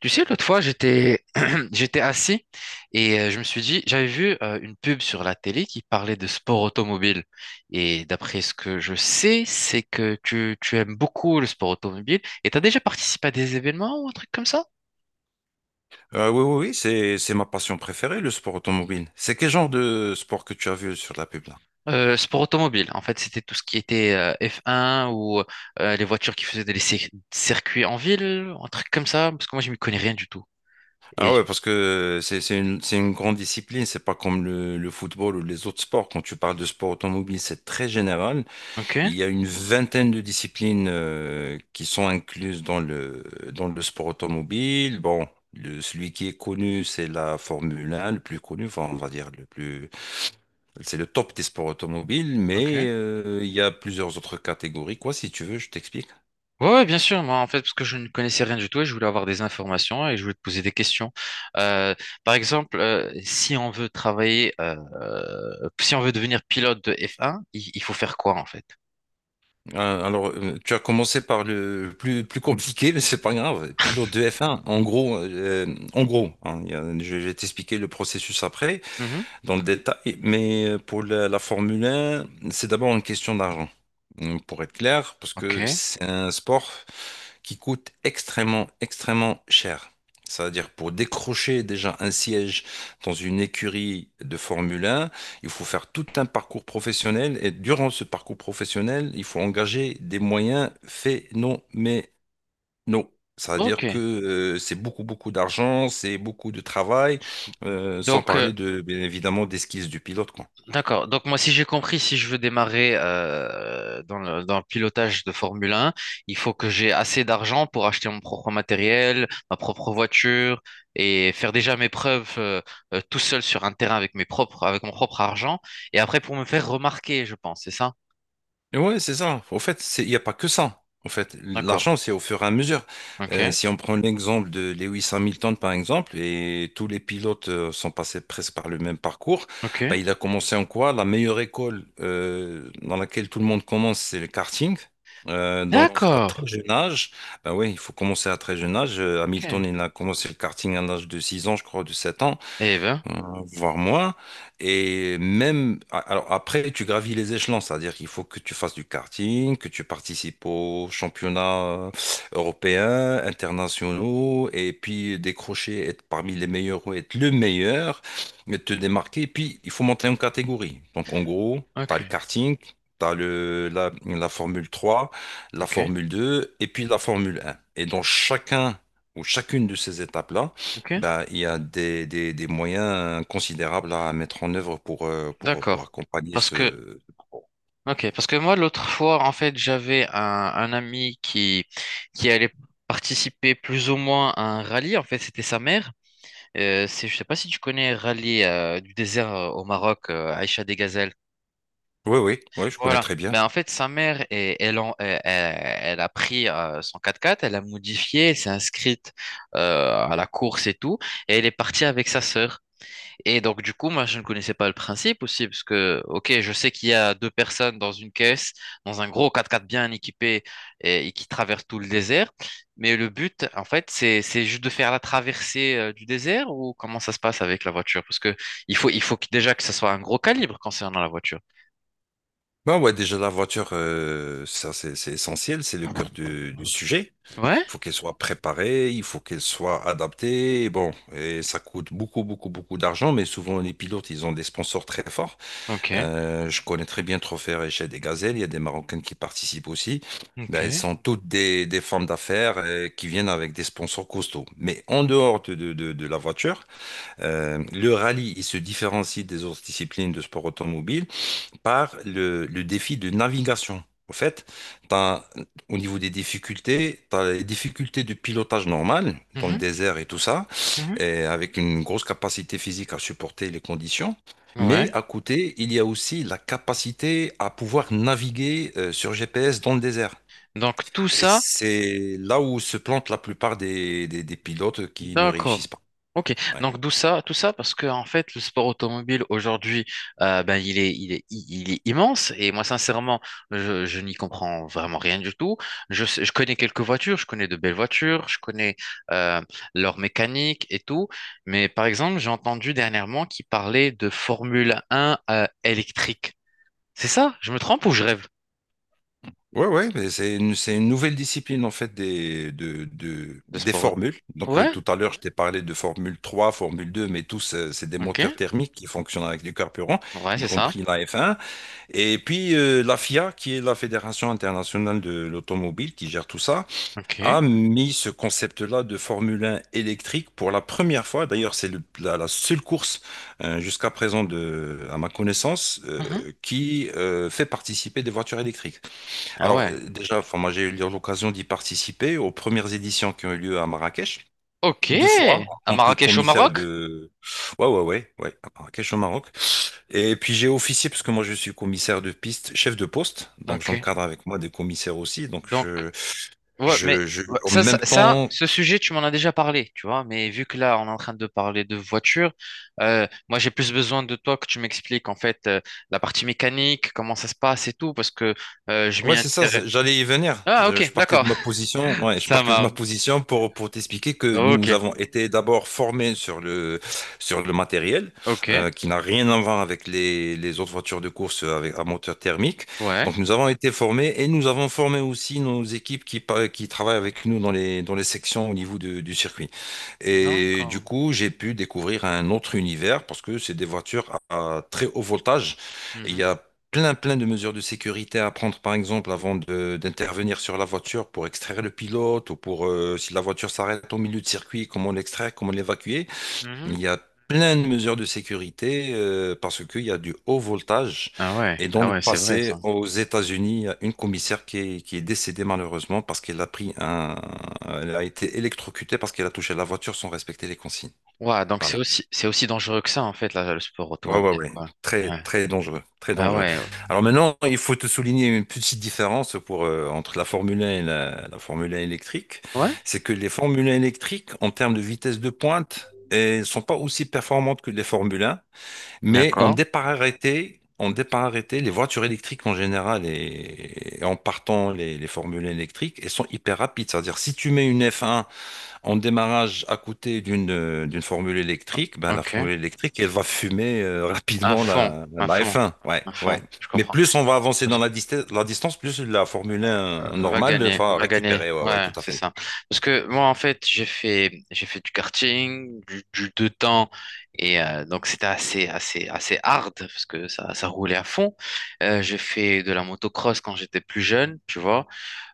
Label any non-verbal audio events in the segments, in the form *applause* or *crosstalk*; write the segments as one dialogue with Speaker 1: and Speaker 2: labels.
Speaker 1: Tu sais, l'autre fois, j'étais *clears throat* j'étais assis et je me suis dit, j'avais vu une pub sur la télé qui parlait de sport automobile. Et d'après ce que je sais, c'est que tu aimes beaucoup le sport automobile et tu as déjà participé à des événements ou un truc comme ça?
Speaker 2: Oui, oui, oui, c'est ma passion préférée, le sport automobile. C'est quel genre de sport que tu as vu sur la pub là?
Speaker 1: Sport automobile, en fait, c'était tout ce qui était F1 ou les voitures qui faisaient des circuits en ville, un truc comme ça, parce que moi, je m'y connais rien du tout.
Speaker 2: Ah
Speaker 1: Et...
Speaker 2: ouais, parce que c'est une grande discipline, c'est pas comme le football ou les autres sports. Quand tu parles de sport automobile, c'est très général.
Speaker 1: Ok,
Speaker 2: Il y a une vingtaine de disciplines qui sont incluses dans le sport automobile. Bon, celui qui est connu, c'est la Formule 1, le plus connu, enfin, on va dire le plus, c'est le top des sports automobiles,
Speaker 1: ok.
Speaker 2: mais il y a plusieurs autres catégories. Quoi, si tu veux, je t'explique.
Speaker 1: Ouais, ouais, bien sûr. Moi, en fait, parce que je ne connaissais rien du tout et je voulais avoir des informations et je voulais te poser des questions. Euh, Par exemple, si on veut travailler, si on veut devenir pilote de F1, il faut faire quoi en fait?
Speaker 2: Alors, tu as commencé par le plus compliqué, mais c'est pas grave. Pilote de F1, en gros, hein, je vais t'expliquer le processus après,
Speaker 1: Mhm.
Speaker 2: dans le détail. Mais pour la Formule 1, c'est d'abord une question d'argent. Pour être clair, parce que
Speaker 1: Ok.
Speaker 2: c'est un sport qui coûte extrêmement, extrêmement cher. C'est-à-dire pour décrocher déjà un siège dans une écurie de Formule 1, il faut faire tout un parcours professionnel et durant ce parcours professionnel, il faut engager des moyens phénoménaux. Non.
Speaker 1: Ok.
Speaker 2: C'est-à-dire que c'est beaucoup, beaucoup d'argent, c'est beaucoup de travail, sans
Speaker 1: Donc, euh,
Speaker 2: parler de, bien évidemment, des skills du pilote, quoi.
Speaker 1: D'accord. Donc moi, si j'ai compris, si je veux démarrer dans le pilotage de Formule 1, il faut que j'ai assez d'argent pour acheter mon propre matériel, ma propre voiture et faire déjà mes preuves tout seul sur un terrain avec mes propres, avec mon propre argent. Et après, pour me faire remarquer, je pense, c'est ça?
Speaker 2: Ouais, c'est ça. Au fait, il n'y a pas que ça. En fait,
Speaker 1: D'accord.
Speaker 2: l'argent, c'est au fur et à mesure.
Speaker 1: Ok. Ouais.
Speaker 2: Si on prend l'exemple de Lewis Hamilton, par exemple, et tous les pilotes sont passés presque par le même parcours,
Speaker 1: Ok.
Speaker 2: bah,
Speaker 1: Ouais,
Speaker 2: il a commencé en quoi? La meilleure école dans laquelle tout le monde commence, c'est le karting.
Speaker 1: ouais.
Speaker 2: Donc, à très
Speaker 1: D'accord.
Speaker 2: jeune âge, bah oui, il faut commencer à très jeune âge. Hamilton,
Speaker 1: Ok.
Speaker 2: il a commencé le karting à l'âge de 6 ans, je crois, de 7 ans
Speaker 1: Eh ben.
Speaker 2: euh, voire moins. Et même, alors après, tu gravis les échelons, c'est-à-dire qu'il faut que tu fasses du karting, que tu participes aux championnats européens, internationaux, et puis décrocher, être parmi les meilleurs ou être le meilleur, mais te démarquer. Et puis, il faut monter en catégorie. Donc, en gros, tu as
Speaker 1: Ok.
Speaker 2: le karting. T'as la Formule 3, la
Speaker 1: Ok.
Speaker 2: Formule deux, et puis la Formule 1. Et dans chacun ou chacune de ces étapes-là,
Speaker 1: Ok.
Speaker 2: bah, il y a des moyens considérables à mettre en œuvre pour
Speaker 1: D'accord.
Speaker 2: accompagner
Speaker 1: Parce que
Speaker 2: ce...
Speaker 1: Ok, parce que moi, l'autre fois, en fait, j'avais un ami qui allait participer plus ou moins à un rallye. En fait, c'était sa mère. Je sais pas si tu connais Rallye du désert au Maroc, Aïcha des Gazelles.
Speaker 2: Oui, oui, oui, je connais
Speaker 1: Voilà.
Speaker 2: très bien.
Speaker 1: Mais en fait, sa mère, elle, elle, elle a pris son quatre quatre elle a modifié, elle s'est inscrite à la course et tout, et elle est partie avec sa sœur. Et donc, du coup, moi, je ne connaissais pas le principe aussi, parce que, ok, je sais qu'il y a deux personnes dans une caisse, dans un gros 4x4 bien équipé et qui traverse tout le désert. Mais le but, en fait, c'est juste de faire la traversée du désert ou comment ça se passe avec la voiture? Parce que il faut déjà que ça soit un gros calibre concernant la voiture.
Speaker 2: Bah ouais, déjà la voiture, ça c'est essentiel, c'est le cœur du sujet. Il
Speaker 1: Ouais?
Speaker 2: faut qu'elle soit préparée, il faut qu'elle soit adaptée. Bon, et ça coûte beaucoup, beaucoup, beaucoup d'argent, mais souvent les pilotes, ils ont des sponsors très forts.
Speaker 1: Ok,
Speaker 2: Je connais très bien Trophée chez des Gazelles. Il y a des Marocaines qui participent aussi. Ben, elles
Speaker 1: ok.
Speaker 2: sont toutes des femmes d'affaires qui viennent avec des sponsors costauds. Mais en dehors de la voiture, le rallye, il se différencie des autres disciplines de sport automobile par le défi de navigation. En fait, t'as- au niveau des difficultés, tu as les difficultés de pilotage normal dans le
Speaker 1: Mhm,
Speaker 2: désert et tout ça,
Speaker 1: mhm.
Speaker 2: et avec une grosse capacité physique à supporter les conditions. Mais
Speaker 1: Ouais.
Speaker 2: à côté, il y a aussi la capacité à pouvoir naviguer sur GPS dans le désert.
Speaker 1: Donc, tout
Speaker 2: Et
Speaker 1: ça.
Speaker 2: c'est là où se plantent la plupart des pilotes qui ne
Speaker 1: D'accord.
Speaker 2: réussissent pas.
Speaker 1: Ok.
Speaker 2: Ouais.
Speaker 1: Donc d'où ça, tout ça parce que en fait le sport automobile aujourd'hui, ben il est immense et moi sincèrement, je n'y comprends vraiment rien du tout. Je je connais quelques voitures, je connais de belles voitures, je connais euh, leur mécanique et tout, mais par exemple j'ai entendu dernièrement qu'ils parlaient de Formule 1 électrique. C'est ça? Je me trompe ou je rêve
Speaker 2: Ouais, ouais, mais c'est une nouvelle discipline en fait des, de, de-
Speaker 1: de
Speaker 2: des
Speaker 1: sport auto?
Speaker 2: formules. Donc
Speaker 1: Ouais.
Speaker 2: tout à l'heure, je t'ai parlé de Formule 3, Formule 2, mais tous, c'est des moteurs
Speaker 1: Ok.
Speaker 2: thermiques qui fonctionnent avec du carburant,
Speaker 1: Ouais,
Speaker 2: y
Speaker 1: c'est ça.
Speaker 2: compris la F1. Et puis la FIA, qui est la Fédération internationale de l'automobile, qui gère tout ça, a
Speaker 1: Ok.
Speaker 2: mis ce concept-là de Formule 1 électrique pour la première fois. D'ailleurs, c'est la seule course, jusqu'à présent, à ma connaissance,
Speaker 1: Mhm.
Speaker 2: qui fait participer des voitures électriques.
Speaker 1: Ah
Speaker 2: Alors,
Speaker 1: ouais.
Speaker 2: déjà, enfin, moi, j'ai eu l'occasion d'y participer aux premières éditions qui ont eu lieu à Marrakech.
Speaker 1: Ok,
Speaker 2: Deux fois,
Speaker 1: à
Speaker 2: en tant que
Speaker 1: Marrakech au
Speaker 2: commissaire
Speaker 1: Maroc?
Speaker 2: de... Ouais, ouais, ouais, ouais, à Marrakech au Maroc. Et puis j'ai officié, parce que moi je suis commissaire de piste, chef de poste, donc
Speaker 1: Ok,
Speaker 2: j'encadre avec moi des commissaires aussi, donc
Speaker 1: donc,
Speaker 2: je,
Speaker 1: ouais, mais
Speaker 2: je, je,
Speaker 1: ouais,
Speaker 2: en même temps.
Speaker 1: ce sujet, tu m'en as déjà parlé, tu vois, mais vu que là, on est en train de parler de voiture, moi, j'ai plus besoin de toi que tu m'expliques, en fait, la partie mécanique, comment ça se passe et tout, parce que je m'y
Speaker 2: Ouais, c'est ça,
Speaker 1: intéresse.
Speaker 2: j'allais y venir.
Speaker 1: Ah,
Speaker 2: Je
Speaker 1: ok,
Speaker 2: partais de
Speaker 1: d'accord,
Speaker 2: ma position,
Speaker 1: *laughs*
Speaker 2: ouais, je
Speaker 1: ça
Speaker 2: partais de ma
Speaker 1: marche.
Speaker 2: position pour t'expliquer que
Speaker 1: Ok,
Speaker 2: nous avons été d'abord formés sur le matériel,
Speaker 1: ok,
Speaker 2: qui n'a rien à voir avec les autres voitures de course à moteur thermique.
Speaker 1: ouais.
Speaker 2: Donc, nous avons été formés et nous avons formé aussi nos équipes qui travaillent avec nous dans les sections au niveau du circuit. Et du
Speaker 1: D'accord.
Speaker 2: coup, j'ai pu découvrir un autre univers parce que c'est des voitures à très haut voltage. Et il y
Speaker 1: Mhm,
Speaker 2: a plein, plein de mesures de sécurité à prendre, par exemple, avant d'intervenir sur la voiture pour extraire le pilote ou si la voiture s'arrête au milieu de circuit, comment l'extraire, comment l'évacuer.
Speaker 1: mhm.
Speaker 2: Il y a plein de mesures de sécurité parce qu'il y a du haut voltage.
Speaker 1: Ah ouais,
Speaker 2: Et dans
Speaker 1: ah
Speaker 2: le
Speaker 1: ouais, c'est vrai,
Speaker 2: passé,
Speaker 1: ça.
Speaker 2: aux États-Unis, il y a une commissaire qui est décédée malheureusement parce qu'elle a pris un... Elle a été électrocutée parce qu'elle a touché la voiture sans respecter les consignes.
Speaker 1: Ouais, donc
Speaker 2: Voilà.
Speaker 1: c'est aussi dangereux que ça, en fait, là, le sport
Speaker 2: Ouais, ouais,
Speaker 1: automobile,
Speaker 2: ouais.
Speaker 1: quoi.
Speaker 2: Très,
Speaker 1: Ouais.
Speaker 2: très dangereux. Très
Speaker 1: Ah
Speaker 2: dangereux.
Speaker 1: ouais.
Speaker 2: Alors maintenant, il faut te souligner une petite différence entre la Formule 1 et la Formule 1 électrique.
Speaker 1: Ouais,
Speaker 2: C'est que les Formule 1 électriques, en termes de vitesse de pointe, ne sont pas aussi performantes que les Formule 1. Mais on
Speaker 1: d'accord,
Speaker 2: départait, on départait les voitures électriques en général et en partant les formules électriques, elles sont hyper rapides. C'est-à-dire, si tu mets une F1 en démarrage à côté d'une formule électrique, ben, la
Speaker 1: ok.
Speaker 2: formule électrique, elle va fumer *laughs*
Speaker 1: À
Speaker 2: rapidement
Speaker 1: fond,
Speaker 2: la,
Speaker 1: à
Speaker 2: la
Speaker 1: fond,
Speaker 2: F1. Ouais,
Speaker 1: à fond,
Speaker 2: ouais.
Speaker 1: je
Speaker 2: Mais
Speaker 1: comprends.
Speaker 2: plus on va avancer
Speaker 1: Parce
Speaker 2: dans la distance, plus la Formule 1
Speaker 1: que
Speaker 2: normale va
Speaker 1: va gagner,
Speaker 2: récupérer. Ouais, ouais,
Speaker 1: ouais,
Speaker 2: tout à
Speaker 1: c'est
Speaker 2: fait.
Speaker 1: ça. Parce que moi, en fait, j'ai fait du karting, du deux temps, et donc c'était assez, assez, assez hard, parce que ça roulait à fond. J'ai fait de la motocross quand j'étais plus jeune, tu vois.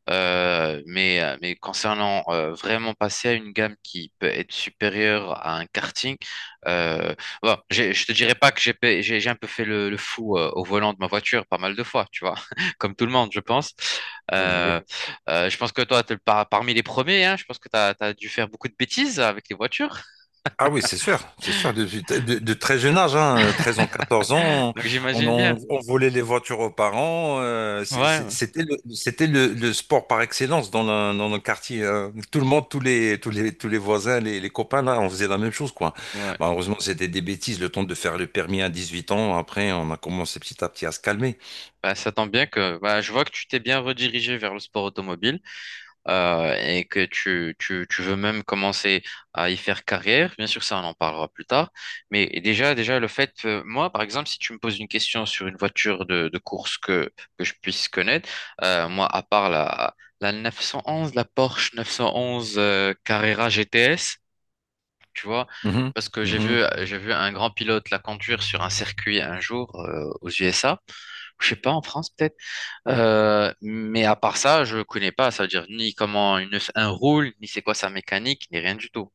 Speaker 1: Mais, mais concernant vraiment passer à une gamme qui peut être supérieure à un karting, euh, bon, je te dirais pas que j'ai pa- j'ai un peu fait le fou au volant de ma voiture pas mal de fois, tu vois, *laughs* comme tout le monde, je pense.
Speaker 2: Ah ben oui.
Speaker 1: Euh, je pense que toi, t'es parmi les premiers, hein, je pense que tu as, dû faire beaucoup de bêtises avec les voitures,
Speaker 2: Ah oui, c'est sûr, de très jeune âge, hein, 13 ans, 14
Speaker 1: *laughs*
Speaker 2: ans,
Speaker 1: donc
Speaker 2: on,
Speaker 1: j'imagine
Speaker 2: on,
Speaker 1: bien.
Speaker 2: on volait les voitures aux parents,
Speaker 1: Ouais, ouais.
Speaker 2: c'était le sport par excellence dans le quartier. Hein. Tout le monde, tous les voisins, les copains, là, on faisait la même chose, quoi.
Speaker 1: Ouais.
Speaker 2: Malheureusement, c'était des bêtises, le temps de faire le permis à 18 ans, après, on a commencé petit à petit à se calmer.
Speaker 1: Bah, ça tombe bien que bah, je vois que tu t'es bien redirigé vers le sport automobile. Et que tu veux même commencer à y faire carrière, bien sûr, ça, on en parlera plus tard. Mais déjà, déjà le fait, moi, par exemple, si tu me poses une question sur une voiture de course que je puisse connaître, moi, à part la 911, la Porsche 911 Carrera GTS, tu vois,
Speaker 2: Mhm,
Speaker 1: parce que
Speaker 2: mhm.
Speaker 1: j'ai vu un grand pilote la conduire sur un circuit un jour aux USA. Je sais pas, en France, peut-être. Mais à part ça, je connais pas, ça veut dire ni comment une œuf un roule, ni c'est quoi sa mécanique, ni rien du tout.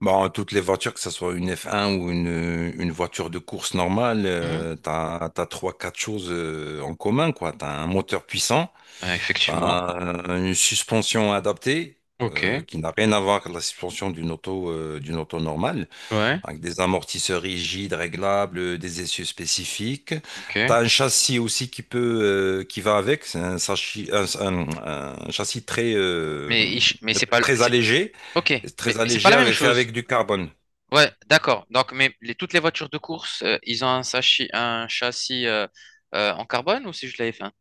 Speaker 2: Bon, toutes les voitures, que ce soit une F1 ou une voiture de course normale,
Speaker 1: Mhm.
Speaker 2: t'as trois, quatre choses en commun, quoi. T'as un moteur puissant,
Speaker 1: Ouais, effectivement.
Speaker 2: t'as une suspension adaptée,
Speaker 1: Ok.
Speaker 2: qui n'a rien à voir avec la suspension d'une auto normale,
Speaker 1: Ouais.
Speaker 2: avec des amortisseurs rigides, réglables, des essieux spécifiques.
Speaker 1: Ok.
Speaker 2: T'as un châssis aussi qui qui va avec, c'est un, sachi- un châssis très, euh,
Speaker 1: Mais il ch- mais c'est pas le-
Speaker 2: très
Speaker 1: c'est
Speaker 2: allégé,
Speaker 1: ok.
Speaker 2: très
Speaker 1: Mais c'est pas
Speaker 2: allégé
Speaker 1: la même
Speaker 2: fait avec
Speaker 1: chose.
Speaker 2: du carbone.
Speaker 1: Ouais, d'accord. Donc, mais toutes les voitures de course, ils ont un châssis en carbone ou c'est juste la F1?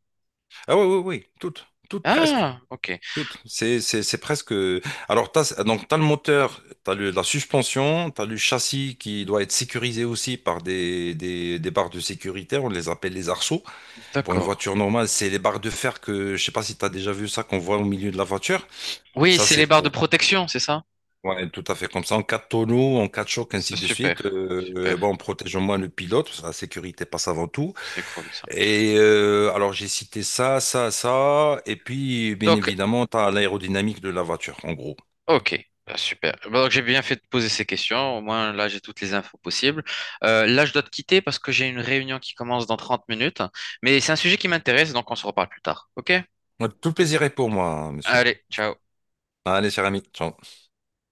Speaker 2: Ah oui, oui, oui, toutes presque,
Speaker 1: Ah, ok.
Speaker 2: toutes. C'est presque. Alors, donc, t'as le moteur, t'as la suspension, t'as le châssis qui doit être sécurisé aussi par des barres de sécurité. On les appelle les arceaux. Pour une
Speaker 1: D'accord.
Speaker 2: voiture normale, c'est les barres de fer que, je sais pas si t'as déjà vu ça, qu'on voit au milieu de la voiture.
Speaker 1: Oui,
Speaker 2: Ça,
Speaker 1: c'est les
Speaker 2: c'est
Speaker 1: barres de
Speaker 2: pour.
Speaker 1: protection, c'est ça?
Speaker 2: Ouais, tout à fait comme ça. En cas de tonneau, en cas de choc,
Speaker 1: C'est
Speaker 2: ainsi de suite.
Speaker 1: super, super.
Speaker 2: Bon, protégeons moins le pilote, parce que la sécurité passe avant tout.
Speaker 1: C'est cool ça.
Speaker 2: Et alors j'ai cité ça, ça, ça, et puis bien
Speaker 1: Donc,
Speaker 2: évidemment, tu as l'aérodynamique de la voiture, en gros.
Speaker 1: Ok, bah, super. Bah, donc j'ai bien fait de poser ces questions. Au moins là, j'ai toutes les infos possibles. Là, je dois te quitter parce que j'ai une réunion qui commence dans 30 minutes. Mais c'est un sujet qui m'intéresse, donc on se reparle plus tard. Ok?
Speaker 2: Tout plaisir est pour moi, hein, monsieur.
Speaker 1: Allez, ciao.
Speaker 2: Allez, cher ami, ciao.